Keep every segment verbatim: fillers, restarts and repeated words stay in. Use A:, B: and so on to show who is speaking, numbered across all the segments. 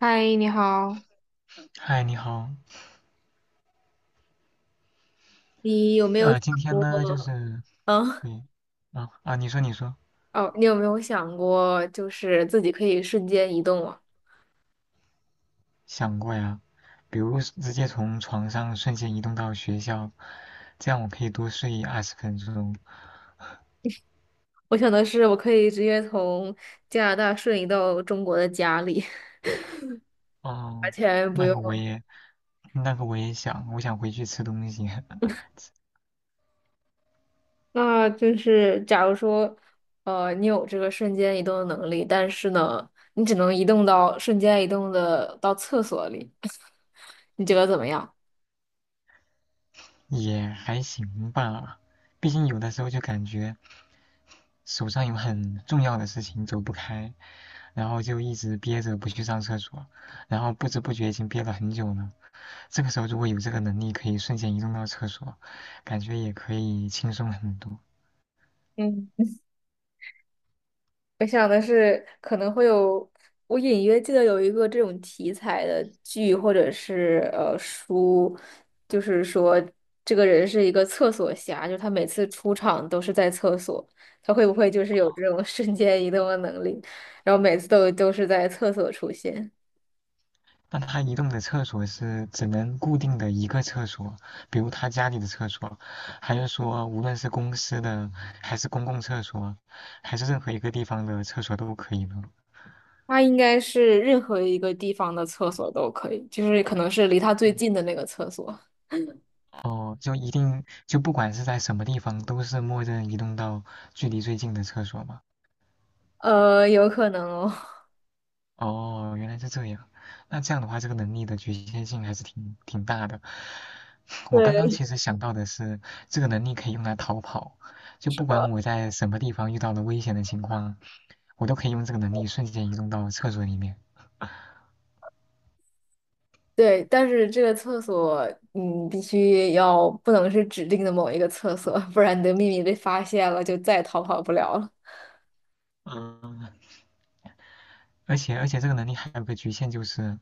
A: 嗨，你好。
B: 嗨，你好，
A: 你有没有
B: 呃，
A: 想
B: 今天
A: 过？
B: 呢，就是，
A: 嗯，
B: 对，啊啊，你说你说，
A: 哦，你有没有想过，就是自己可以瞬间移动啊？
B: 想过呀，比如是直接从床上瞬间移动到学校，这样我可以多睡二十分钟。
A: 我想的是，我可以直接从加拿大瞬移到中国的家里。完
B: 哦，
A: 全不
B: 那个我
A: 用。
B: 也，那个我也想，我想回去吃东西，
A: 那就是，假如说，呃，你有这个瞬间移动的能力，但是呢，你只能移动到瞬间移动的到厕所里，你觉得怎么样？
B: 也还行吧，毕竟有的时候就感觉手上有很重要的事情走不开，然后就一直憋着不去上厕所，然后不知不觉已经憋了很久了。这个时候如果有这个能力，可以瞬间移动到厕所，感觉也可以轻松很多。
A: 嗯。我想的是可能会有，我隐约记得有一个这种题材的剧或者是呃书，就是说这个人是一个厕所侠，就是他每次出场都是在厕所，他会不会就是有这种瞬间移动的能力，然后每次都都是在厕所出现？
B: 那他移动的厕所是只能固定的一个厕所，比如他家里的厕所，还是说无论是公司的，还是公共厕所，还是任何一个地方的厕所都可以的？
A: 他应该是任何一个地方的厕所都可以，就是可能是离他最近的那个厕所，
B: 哦，就一定就不管是在什么地方，都是默认移动到距离最近的厕所吗？
A: 呃，有可能哦。
B: 哦，原来是这样。那这样的话，这个能力的局限性还是挺挺大的。我刚刚 其实想到的是，这个能力可以用来逃跑，就不管我在什么地方遇到了危险的情况，我都可以用这个能力瞬间移动到厕所里面。
A: 对，但是这个厕所，嗯，必须要不能是指定的某一个厕所，不然你的秘密被发现了，就再也逃跑不了了。
B: 而且而且这个能力还有个局限，就是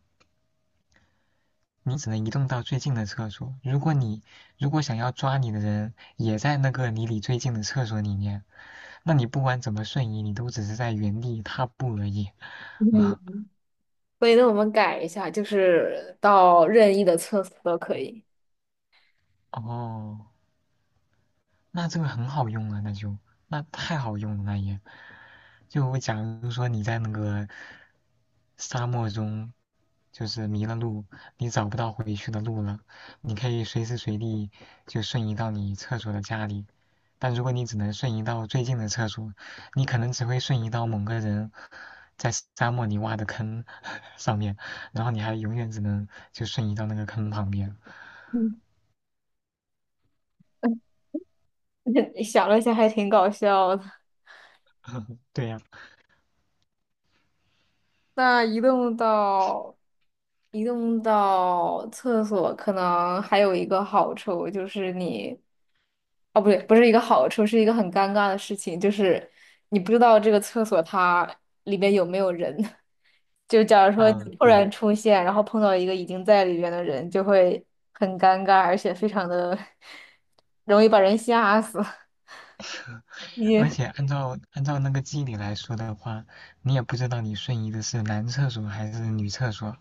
B: 你只能移动到最近的厕所。如果你如果想要抓你的人也在那个离你最近的厕所里面，那你不管怎么瞬移，你都只是在原地踏步而已。
A: 嗯 所以呢，我们改一下，就是到任意的厕所都可以。
B: 哦。那这个很好用啊，那就那太好用了，那也就假如说你在那个沙漠中，就是迷了路，你找不到回去的路了，你可以随时随地就瞬移到你厕所的家里。但如果你只能瞬移到最近的厕所，你可能只会瞬移到某个人在沙漠里挖的坑 上面，然后你还永远只能就瞬移到那个坑旁边。
A: 嗯，想了一下，还挺搞笑的。
B: 对呀。
A: 那移动到移动到厕所，可能还有一个好处就是你，哦，不对，不是一个好处，是一个很尴尬的事情，就是你不知道这个厕所它里面有没有人。就假如说
B: 啊
A: 你
B: 嗯，
A: 突
B: 对。
A: 然出现，然后碰到一个已经在里边的人，就会很尴尬，而且非常的 容易把人吓死。你，
B: 而且按照按照那个机理来说的话，你也不知道你瞬移的是男厕所还是女厕所，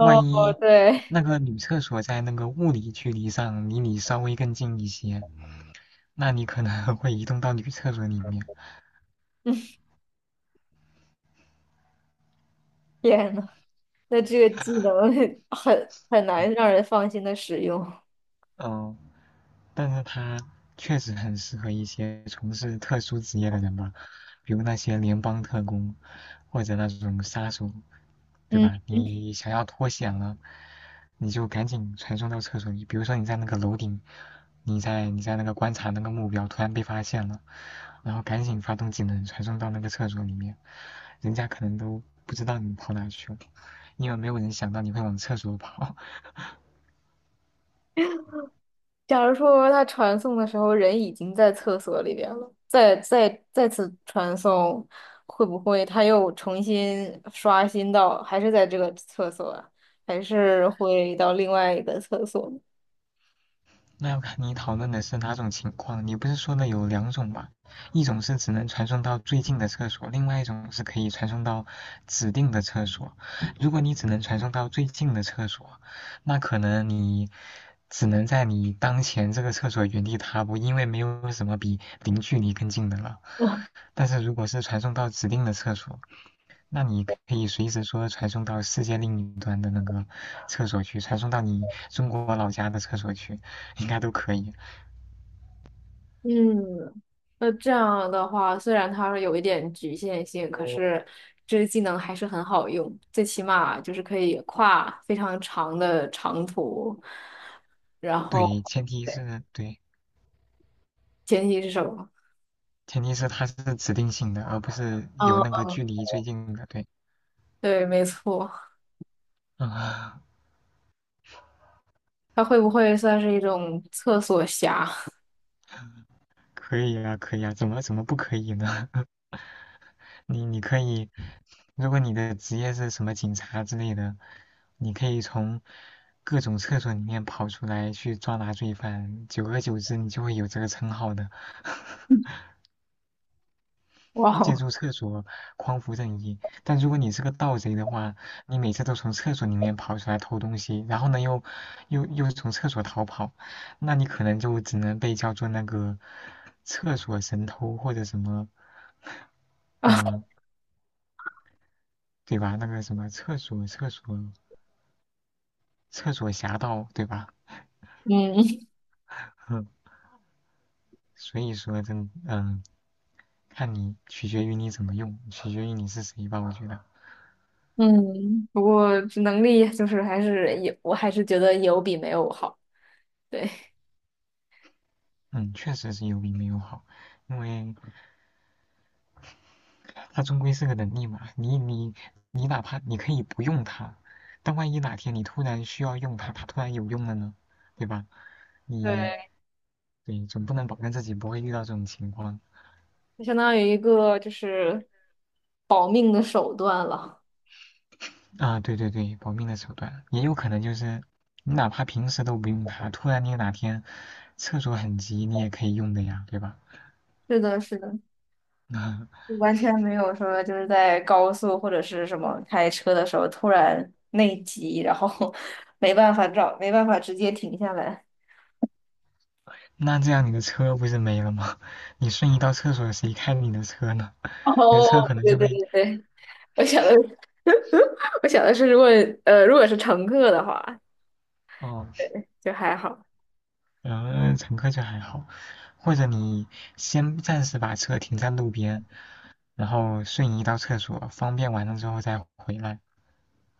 B: 万一
A: 对，
B: 那个女厕所在那个物理距离上离你稍微更近一些，那你可能 会移动到女厕所里面。
A: 天呐。那这个技能 很很难让人放心的使用。
B: 嗯，但是它确实很适合一些从事特殊职业的人吧，比如那些联邦特工，或者那种杀手，对
A: 嗯，
B: 吧？你想要脱险了，你就赶紧传送到厕所里。比如说你在那个楼顶，你在你在那个观察那个目标，突然被发现了，然后赶紧发动技能传送到那个厕所里面，人家可能都不知道你跑哪去了，因为没有人想到你会往厕所跑。
A: 假如说他传送的时候人已经在厕所里边了，再再再次传送，会不会他又重新刷新到还是在这个厕所啊，还是会到另外一个厕所呢？
B: 那要看你讨论的是哪种情况。你不是说的有两种吗？一种是只能传送到最近的厕所，另外一种是可以传送到指定的厕所。如果你只能传送到最近的厕所，那可能你只能在你当前这个厕所原地踏步，因为没有什么比零距离更近的了。但是如果是传送到指定的厕所，那你可以随时说传送到世界另一端的那个厕所去，传送到你中国老家的厕所去，应该都可以。
A: 嗯，那这样的话，虽然它有一点局限性，可是这个技能还是很好用，最起码就是可以跨非常长的长途。然后
B: 对，前 提
A: 对，
B: 是对，
A: 前提是什么？
B: 前提是它是指定性的，而不是有
A: 嗯，
B: 那个距离最近的。对，
A: 对，没错，
B: 啊，
A: 它会不会算是一种厕所侠？
B: 可以啊，可以啊，怎么怎么不可以呢？你你可以，如果你的职业是什么警察之类的，你可以从各种厕所里面跑出来去抓拿罪犯，久而久之你就会有这个称号的。
A: 哇
B: 借
A: 哦，
B: 助厕所匡扶正义。但如果你是个盗贼的话，你每次都从厕所里面跑出来偷东西，然后呢又又又从厕所逃跑，那你可能就只能被叫做那个厕所神偷或者什么，嗯，对吧？那个什么厕所厕所厕所侠盗，对吧？
A: 嗯
B: 嗯，所以说真嗯，看你取决于你怎么用，取决于你是谁吧，我觉得。
A: 嗯，不过这能力就是还是有，我还是觉得有比没有好。对
B: 嗯，确实是有比没有好，因为它终归是个能力嘛。你你你哪怕你可以不用它，但万一哪天你突然需要用它，它突然有用了呢，对吧？你
A: 对。
B: 对总不能保证自己不会遇到这种情况
A: 就相当于一个就是保命的手段了。
B: 啊。对对对，保命的手段也有可能就是你哪怕平时都不用它，突然你哪天厕所很急，你也可以用的呀，对吧？
A: 是的，是的，
B: 那
A: 就完全没有说就是在高速或者是什么开车的时候突然内急，然后 没办法找，没办法直接停下来。
B: 那这样你的车不是没了吗？你瞬移到厕所，谁开你的车呢？你的车
A: 哦，
B: 可能
A: 对
B: 就
A: 对
B: 会
A: 对对，我想的，我想的是，如果呃，如果是乘客的话，
B: 哦。
A: 对，就还好。
B: 然呃，乘客就还好。或者你先暂时把车停在路边，然后瞬移到厕所，方便完了之后再回来。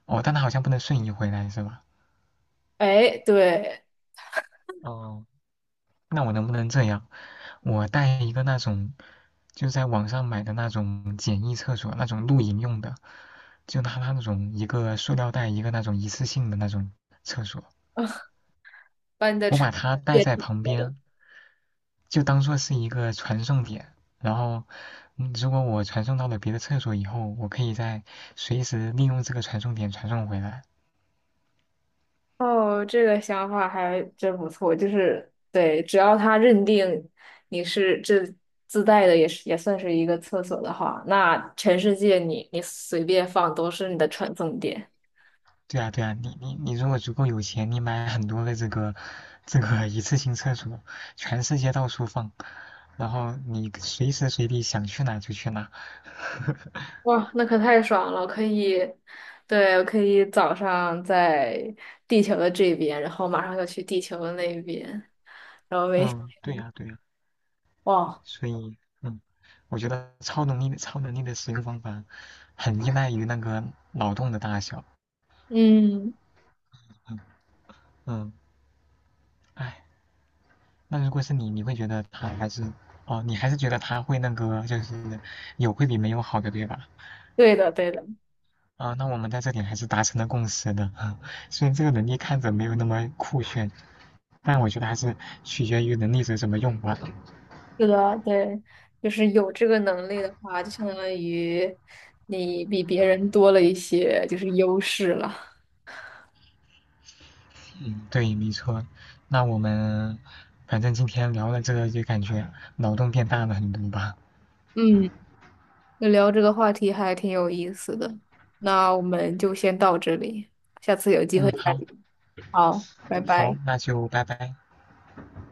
B: 哦，但它好像不能瞬移回来是吧？
A: 哎，对，
B: 哦，那我能不能这样？我带一个那种，就在网上买的那种简易厕所，那种露营用的，就拿它那种一个塑料袋，一个那种一次性的那种厕所，
A: 把你的
B: 我
A: 车
B: 把它带在旁边，就当做是一个传送点。然后，嗯如果我传送到了别的厕所以后，我可以再随时利用这个传送点传送回来。
A: 哦，这个想法还真不错，就是对，只要他认定你是这自带的，也是也算是一个厕所的话，那全世界你你随便放都是你的传送点。
B: 对啊，对啊，你你你如果足够有钱，你买很多的这个这个一次性厕所，全世界到处放，然后你随时随地想去哪就去哪。
A: 哇，那可太爽了，可以，对，我可以早上在地球的这边，然后马上就去地球的那边，然后每
B: 嗯，对
A: 天，
B: 呀，对呀，
A: 哇，
B: 所以嗯，我觉得超能力的超能力的使用方法很依赖于那个脑洞的大小。
A: 嗯，
B: 嗯，唉。那如果是你，你会觉得他还是哦，你还是觉得他会那个，就是有会比没有好的，对吧？
A: 对的，对的。
B: 啊，那我们在这点还是达成了共识的。虽然这个能力看着没有那么酷炫，但我觉得还是取决于能力者怎么用吧。
A: 是的，对，就是有这个能力的话，就相当于你比别人多了一些就是优势了。
B: 嗯，对，没错。那我们反正今天聊了这个，就感觉脑洞变大了很多吧。
A: 嗯，那聊这个话题还挺有意思的，那我们就先到这里，下次有机会
B: 嗯，
A: 再
B: 好，
A: 聊。好，拜
B: 好，
A: 拜。
B: 那就拜拜。